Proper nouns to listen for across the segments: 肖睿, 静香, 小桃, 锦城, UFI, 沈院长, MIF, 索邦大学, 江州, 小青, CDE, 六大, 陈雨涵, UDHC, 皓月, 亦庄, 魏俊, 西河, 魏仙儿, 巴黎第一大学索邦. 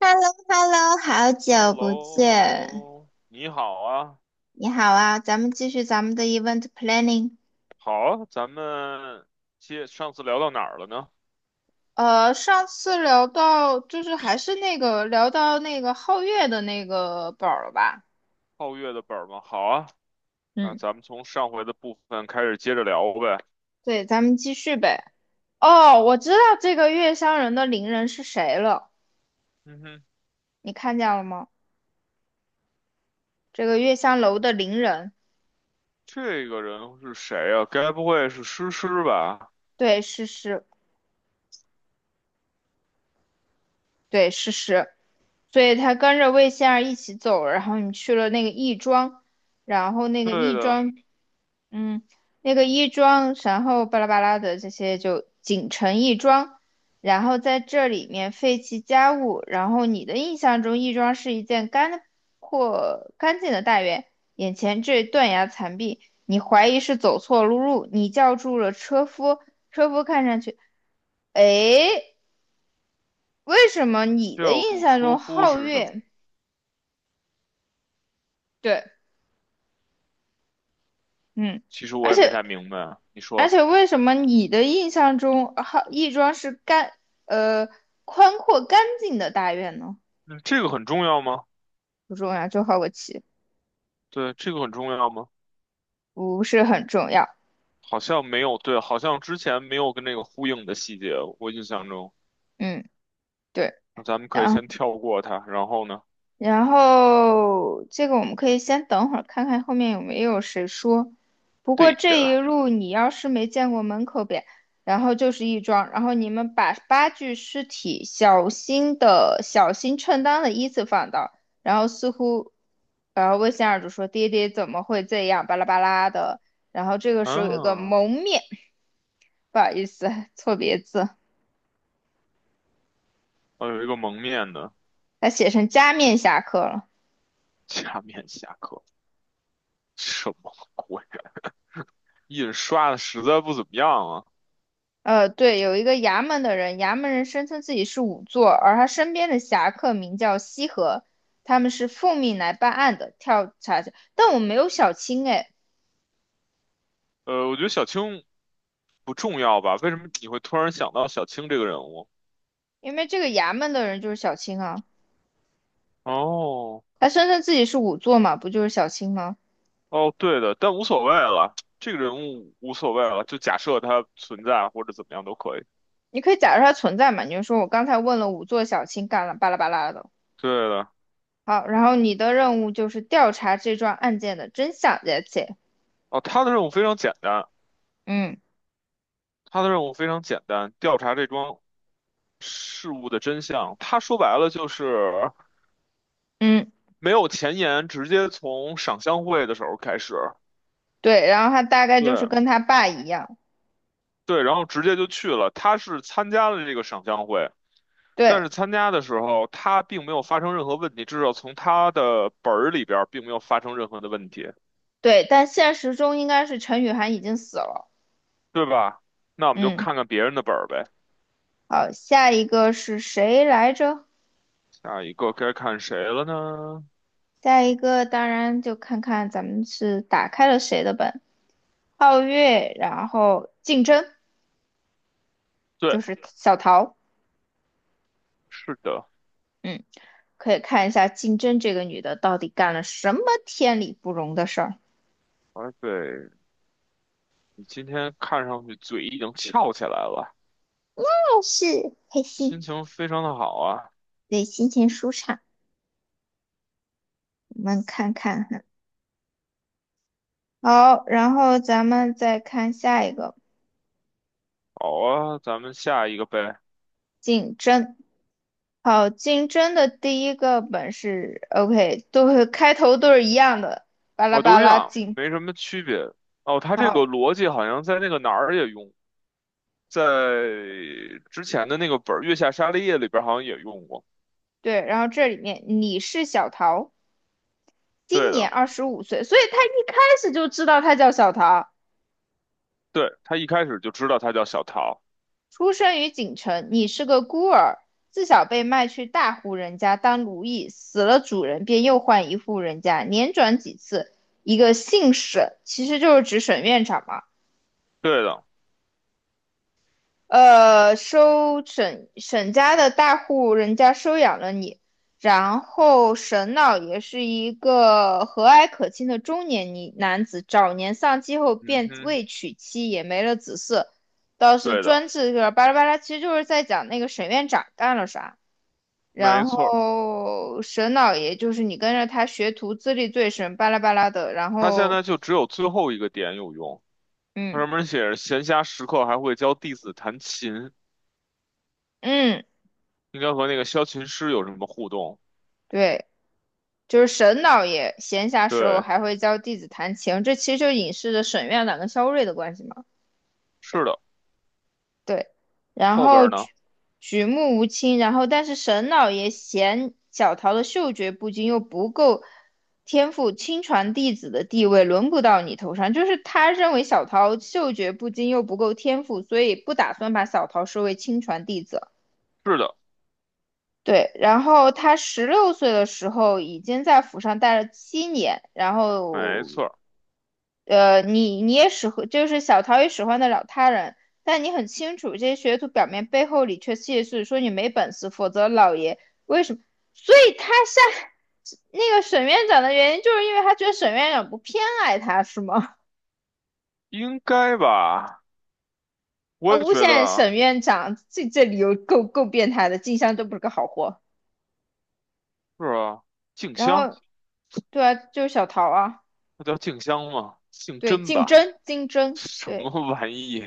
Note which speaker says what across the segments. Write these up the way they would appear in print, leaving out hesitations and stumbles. Speaker 1: Hello hello 好
Speaker 2: h e l
Speaker 1: 久
Speaker 2: l
Speaker 1: 不
Speaker 2: o h e l l
Speaker 1: 见，
Speaker 2: o 你好啊，
Speaker 1: 你好啊，咱们继续咱们的 event planning。
Speaker 2: 好啊，咱们接上次聊到哪儿了呢？
Speaker 1: 上次聊到就是还是那个聊到那个皓月的那个宝儿了吧？
Speaker 2: 皓月的本儿吗？好啊，那
Speaker 1: 嗯，
Speaker 2: 咱们从上回的部分开始接着聊呗。
Speaker 1: 对，咱们继续呗。哦，我知道这个月香人的邻人是谁了，
Speaker 2: 嗯哼，
Speaker 1: 你看见了吗？这个月香楼的邻人，
Speaker 2: 这个人是谁啊？该不会是诗诗吧？
Speaker 1: 对，是是，对，是是，所以他跟着魏仙儿一起走，然后你去了那个亦庄，然后那个
Speaker 2: 对
Speaker 1: 亦
Speaker 2: 的，
Speaker 1: 庄嗯，那个亦庄，然后巴拉巴拉的这些就锦城亦庄，然后在这里面废弃家务，然后你的印象中亦庄是一件干或干净的大院，眼前这断崖残壁，你怀疑是走错路，你叫住了车夫，车夫看上去，哎，为什么你的
Speaker 2: 吊
Speaker 1: 印
Speaker 2: 住
Speaker 1: 象
Speaker 2: 车
Speaker 1: 中
Speaker 2: 夫
Speaker 1: 皓
Speaker 2: 是什么？
Speaker 1: 月，对，嗯，
Speaker 2: 其实我
Speaker 1: 而
Speaker 2: 也没
Speaker 1: 且
Speaker 2: 太明白啊。你
Speaker 1: 而
Speaker 2: 说，
Speaker 1: 且为什么你的印象中，好，亦庄是干，呃，宽阔干净的大院呢？
Speaker 2: 嗯，这个很重要吗？
Speaker 1: 不重要，就好个奇，
Speaker 2: 对，这个很重要吗？
Speaker 1: 不是很重要。
Speaker 2: 好像没有，对，好像之前没有跟那个呼应的细节，我印象中。
Speaker 1: 嗯，对。
Speaker 2: 那咱们可以
Speaker 1: 然
Speaker 2: 先跳过它，然后呢？
Speaker 1: 然后这个我们可以先等会儿看看后面有没有谁说。不过
Speaker 2: 对
Speaker 1: 这一
Speaker 2: 的，
Speaker 1: 路你要是没见过门口边，然后就是一庄，然后你们把八具尸体小心的、小心称当的依次放到。然后似乎，然后魏仙儿就说：“爹爹怎么会这样？巴拉巴拉的。”然后这个时候有个
Speaker 2: 啊，
Speaker 1: 蒙面，不好意思，错别字，
Speaker 2: 我有一个蒙面的
Speaker 1: 他写成加面侠客了。
Speaker 2: 假面侠客，什么鬼？印刷的实在不怎么样啊。
Speaker 1: 对，有一个衙门的人，衙门人声称自己是仵作，而他身边的侠客名叫西河，他们是奉命来办案的，调查者。但我没有小青哎，
Speaker 2: 我觉得小青不重要吧？为什么你会突然想到小青这个人物？
Speaker 1: 因为这个衙门的人就是小青啊，
Speaker 2: 哦，
Speaker 1: 他声称自己是仵作嘛，不就是小青吗？
Speaker 2: 哦，对的，但无所谓了，这个人物无所谓了，就假设他存在或者怎么样都可以。
Speaker 1: 你可以假设他存在嘛，你就说我刚才问了仵作小青干了巴拉巴拉的。
Speaker 2: 对的，
Speaker 1: 好，然后你的任务就是调查这桩案件的真相，that's it。
Speaker 2: 哦，他的任务非常简单，
Speaker 1: 嗯
Speaker 2: 他的任务非常简单，调查这桩事物的真相。他说白了就是。
Speaker 1: 嗯，
Speaker 2: 没有前言，直接从赏香会的时候开始，
Speaker 1: 对，然后他大概就是
Speaker 2: 对
Speaker 1: 跟他爸一样。
Speaker 2: 对，然后直接就去了。他是参加了这个赏香会，但
Speaker 1: 对，
Speaker 2: 是参加的时候他并没有发生任何问题，至少从他的本儿里边儿并没有发生任何的问题，
Speaker 1: 对，但现实中应该是陈雨涵已经死了。
Speaker 2: 对吧？那我们就
Speaker 1: 嗯，
Speaker 2: 看看别人的本儿呗。
Speaker 1: 好，下一个是谁来着？
Speaker 2: 下一个该看谁了呢？
Speaker 1: 下一个当然就看看咱们是打开了谁的本。皓月，然后竞争就
Speaker 2: 对，
Speaker 1: 是小桃。
Speaker 2: 是的，
Speaker 1: 嗯，可以看一下竞争这个女的到底干了什么天理不容的事儿，
Speaker 2: 哎，对，你今天看上去嘴已经翘起来了，
Speaker 1: 但是开
Speaker 2: 心
Speaker 1: 心，
Speaker 2: 情非常的好啊。
Speaker 1: 对，心情舒畅。我们看看，好，然后咱们再看下一个
Speaker 2: 好啊，咱们下一个呗。
Speaker 1: 竞争。好，竞争的第一个本是 OK，都会开头都是一样的，巴拉
Speaker 2: 哦，
Speaker 1: 巴
Speaker 2: 都一
Speaker 1: 拉
Speaker 2: 样，
Speaker 1: 进。
Speaker 2: 没什么区别。哦，他这个
Speaker 1: 好，
Speaker 2: 逻辑好像在那个哪儿也用，在之前的那个本儿《月下沙利叶》里边儿好像也用过。
Speaker 1: 对，然后这里面你是小桃，今
Speaker 2: 对
Speaker 1: 年
Speaker 2: 的，
Speaker 1: 二十五岁，所以他一开始就知道他叫小桃，
Speaker 2: 对，他一开始就知道他叫小桃。
Speaker 1: 出生于锦城，你是个孤儿，自小被卖去大户人家当奴役，死了主人便又换一户人家，连转几次，一个姓沈，其实就是指沈院长嘛。
Speaker 2: 对的，
Speaker 1: 收沈家的大户人家收养了你，然后沈老爷是一个和蔼可亲的中年女男子，早年丧妻后
Speaker 2: 嗯
Speaker 1: 便
Speaker 2: 哼，
Speaker 1: 未娶妻，也没了子嗣，倒是
Speaker 2: 对的，
Speaker 1: 专制就是巴拉巴拉，其实就是在讲那个沈院长干了啥。
Speaker 2: 没
Speaker 1: 然
Speaker 2: 错儿
Speaker 1: 后沈老爷就是你跟着他学徒，资历最深，巴拉巴拉的。然
Speaker 2: 他现
Speaker 1: 后，
Speaker 2: 在就只有最后一个点有用，他
Speaker 1: 嗯
Speaker 2: 上面写着闲暇时刻还会教弟子弹琴，
Speaker 1: 嗯，
Speaker 2: 应该和那个萧琴师有什么互动？
Speaker 1: 对。就是沈老爷闲暇时候
Speaker 2: 对，
Speaker 1: 还会教弟子弹琴，这其实就隐示着沈院长跟肖睿的关系嘛。
Speaker 2: 是的，
Speaker 1: 对，然
Speaker 2: 后边
Speaker 1: 后
Speaker 2: 儿呢？
Speaker 1: 举目无亲，然后但是沈老爷嫌小桃的嗅觉不精，又不够天赋，亲传弟子的地位轮不到你头上。就是他认为小桃嗅觉不精又不够天赋，所以不打算把小桃收为亲传弟子。
Speaker 2: 是的，
Speaker 1: 对，然后他16岁的时候已经在府上待了7年，然
Speaker 2: 没
Speaker 1: 后，
Speaker 2: 错儿
Speaker 1: 你也使唤，就是小桃也使唤得了他人，但你很清楚这些学徒表面背后里却窃是说你没本事，否则老爷为什么？所以他下那个沈院长的原因，就是因为他觉得沈院长不偏爱他，是吗？
Speaker 2: 应该吧？
Speaker 1: 啊，
Speaker 2: 我也
Speaker 1: 诬
Speaker 2: 觉
Speaker 1: 陷
Speaker 2: 得。
Speaker 1: 沈院长，这理由够变态的，静香都不是个好货。
Speaker 2: 是啊，静
Speaker 1: 然
Speaker 2: 香，
Speaker 1: 后，对啊，就是小桃啊。
Speaker 2: 那叫静香吗？姓
Speaker 1: 对，
Speaker 2: 甄
Speaker 1: 竞
Speaker 2: 吧？
Speaker 1: 争，竞 争，
Speaker 2: 什
Speaker 1: 对。
Speaker 2: 么玩意？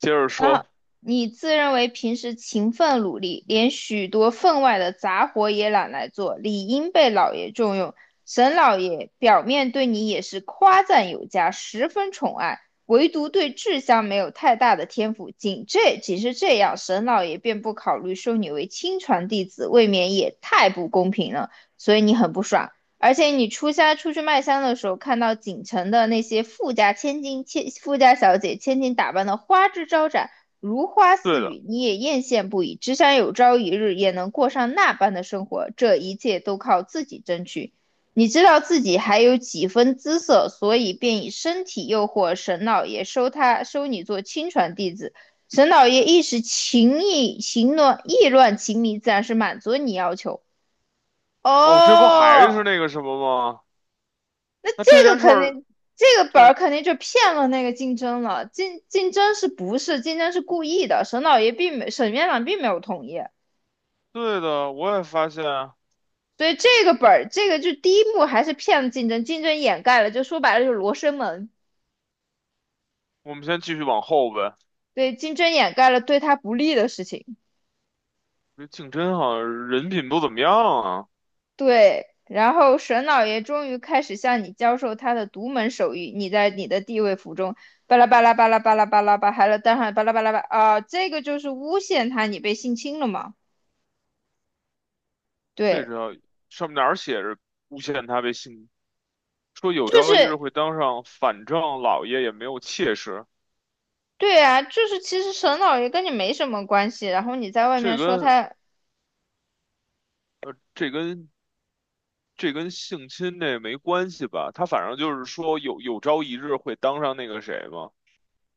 Speaker 2: 接着
Speaker 1: 然
Speaker 2: 说，
Speaker 1: 后你自认为平时勤奋努力，连许多分外的杂活也懒来做，理应被老爷重用。沈老爷表面对你也是夸赞有加，十分宠爱，唯独对志香没有太大的天赋。仅是这样，沈老爷便不考虑收你为亲传弟子，未免也太不公平了。所以你很不爽。而且你出家出去卖香的时候，看到锦城的那些富家千金、千富家小姐、千金打扮的花枝招展，如花
Speaker 2: 对
Speaker 1: 似
Speaker 2: 的，
Speaker 1: 玉，你也艳羡不已。只想有朝一日也能过上那般的生活，这一切都靠自己争取。你知道自己还有几分姿色，所以便以身体诱惑沈老爷收你做亲传弟子。沈老爷一时情意情乱意乱情迷，自然是满足你要求。
Speaker 2: 哦，这不还
Speaker 1: 哦，
Speaker 2: 是那个什么吗？那这
Speaker 1: 这个
Speaker 2: 件事
Speaker 1: 肯
Speaker 2: 儿，
Speaker 1: 定，这个本
Speaker 2: 对
Speaker 1: 儿肯定就骗了那个竞争了。竞争是不是竞争是故意的？沈老爷并没，沈院长并没有同意，
Speaker 2: 对的，我也发现。
Speaker 1: 所以这个本儿，这个就第一幕还是骗了竞争，竞争掩盖了，就说白了就是罗生门，
Speaker 2: 我们先继续往后呗。
Speaker 1: 对，竞争掩盖了对他不利的事情，
Speaker 2: 这静争好像人品不怎么样啊。
Speaker 1: 对。然后沈老爷终于开始向你教授他的独门手艺，你在你的地位府中，巴拉巴拉巴拉巴拉巴拉巴，还有当然巴拉巴拉巴啊，这个就是诬陷他你被性侵了嘛？
Speaker 2: 这
Speaker 1: 对，
Speaker 2: 个上面哪儿写着诬陷他被性，说有
Speaker 1: 就
Speaker 2: 朝一日
Speaker 1: 是
Speaker 2: 会当上反正老爷，也没有妾室。
Speaker 1: 对啊，就是其实沈老爷跟你没什么关系，然后你在外
Speaker 2: 这
Speaker 1: 面说
Speaker 2: 跟
Speaker 1: 他，
Speaker 2: 这跟这跟性侵这没关系吧？他反正就是说有朝一日会当上那个谁嘛。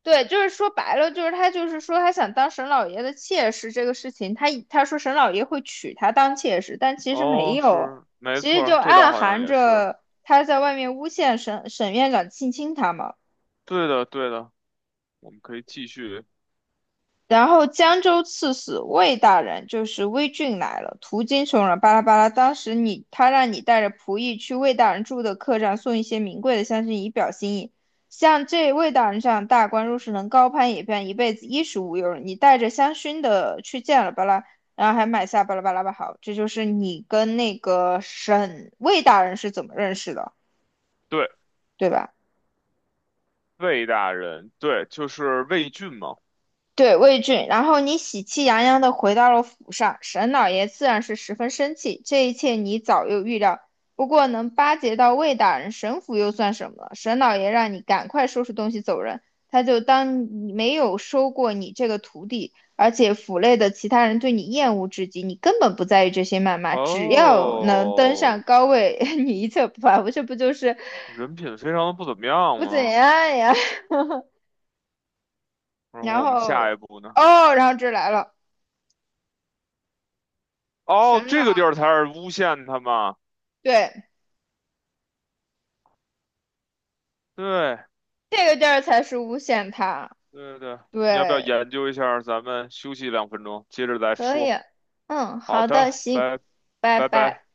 Speaker 1: 对，就是说白了，就是他就是说他想当沈老爷的妾室这个事情，他说沈老爷会娶她当妾室，但其实没
Speaker 2: 哦，
Speaker 1: 有，
Speaker 2: 是，没
Speaker 1: 其实
Speaker 2: 错
Speaker 1: 就
Speaker 2: 儿，这倒
Speaker 1: 暗
Speaker 2: 好像
Speaker 1: 含
Speaker 2: 也是。
Speaker 1: 着他在外面诬陷沈院长性侵他嘛。
Speaker 2: 对的，对的，我们可以继续。
Speaker 1: 然后江州刺史魏大人就是魏俊来了，途经穷人，巴拉巴拉。当时你他让你带着仆役去魏大人住的客栈送一些名贵的香薰以表心意。像这魏大人这样大官，若是能高攀一变，一辈子衣食无忧。你带着香薰的去见了巴拉，然后还买下巴拉巴拉吧。好，这就是你跟那个沈魏大人是怎么认识的，
Speaker 2: 对，
Speaker 1: 对吧？
Speaker 2: 魏大人，对，就是魏俊嘛。
Speaker 1: 对，魏俊，然后你喜气洋洋地回到了府上，沈老爷自然是十分生气。这一切你早有预料，不过能巴结到魏大人，沈府又算什么？沈老爷让你赶快收拾东西走人，他就当你没有收过你这个徒弟。而且府内的其他人对你厌恶至极，你根本不在意这些谩骂，只要能登
Speaker 2: 哦，
Speaker 1: 上高位，你一切不怕。不这不就是
Speaker 2: 人品非常的不怎么样
Speaker 1: 不怎
Speaker 2: 嘛。
Speaker 1: 样呀？
Speaker 2: 然后
Speaker 1: 然
Speaker 2: 我们下一
Speaker 1: 后
Speaker 2: 步呢？
Speaker 1: 哦，然后这来了，
Speaker 2: 哦，
Speaker 1: 沈
Speaker 2: 这
Speaker 1: 老，
Speaker 2: 个地儿才是诬陷他嘛。
Speaker 1: 对。
Speaker 2: 对，
Speaker 1: 这个地儿才是诬陷他，
Speaker 2: 对对，你要不要
Speaker 1: 对，
Speaker 2: 研究一下儿咱们休息2分钟，接着再
Speaker 1: 可以。
Speaker 2: 说。
Speaker 1: 嗯，
Speaker 2: 好
Speaker 1: 好的，
Speaker 2: 的，
Speaker 1: 行，
Speaker 2: 拜
Speaker 1: 拜
Speaker 2: 拜
Speaker 1: 拜。
Speaker 2: 拜。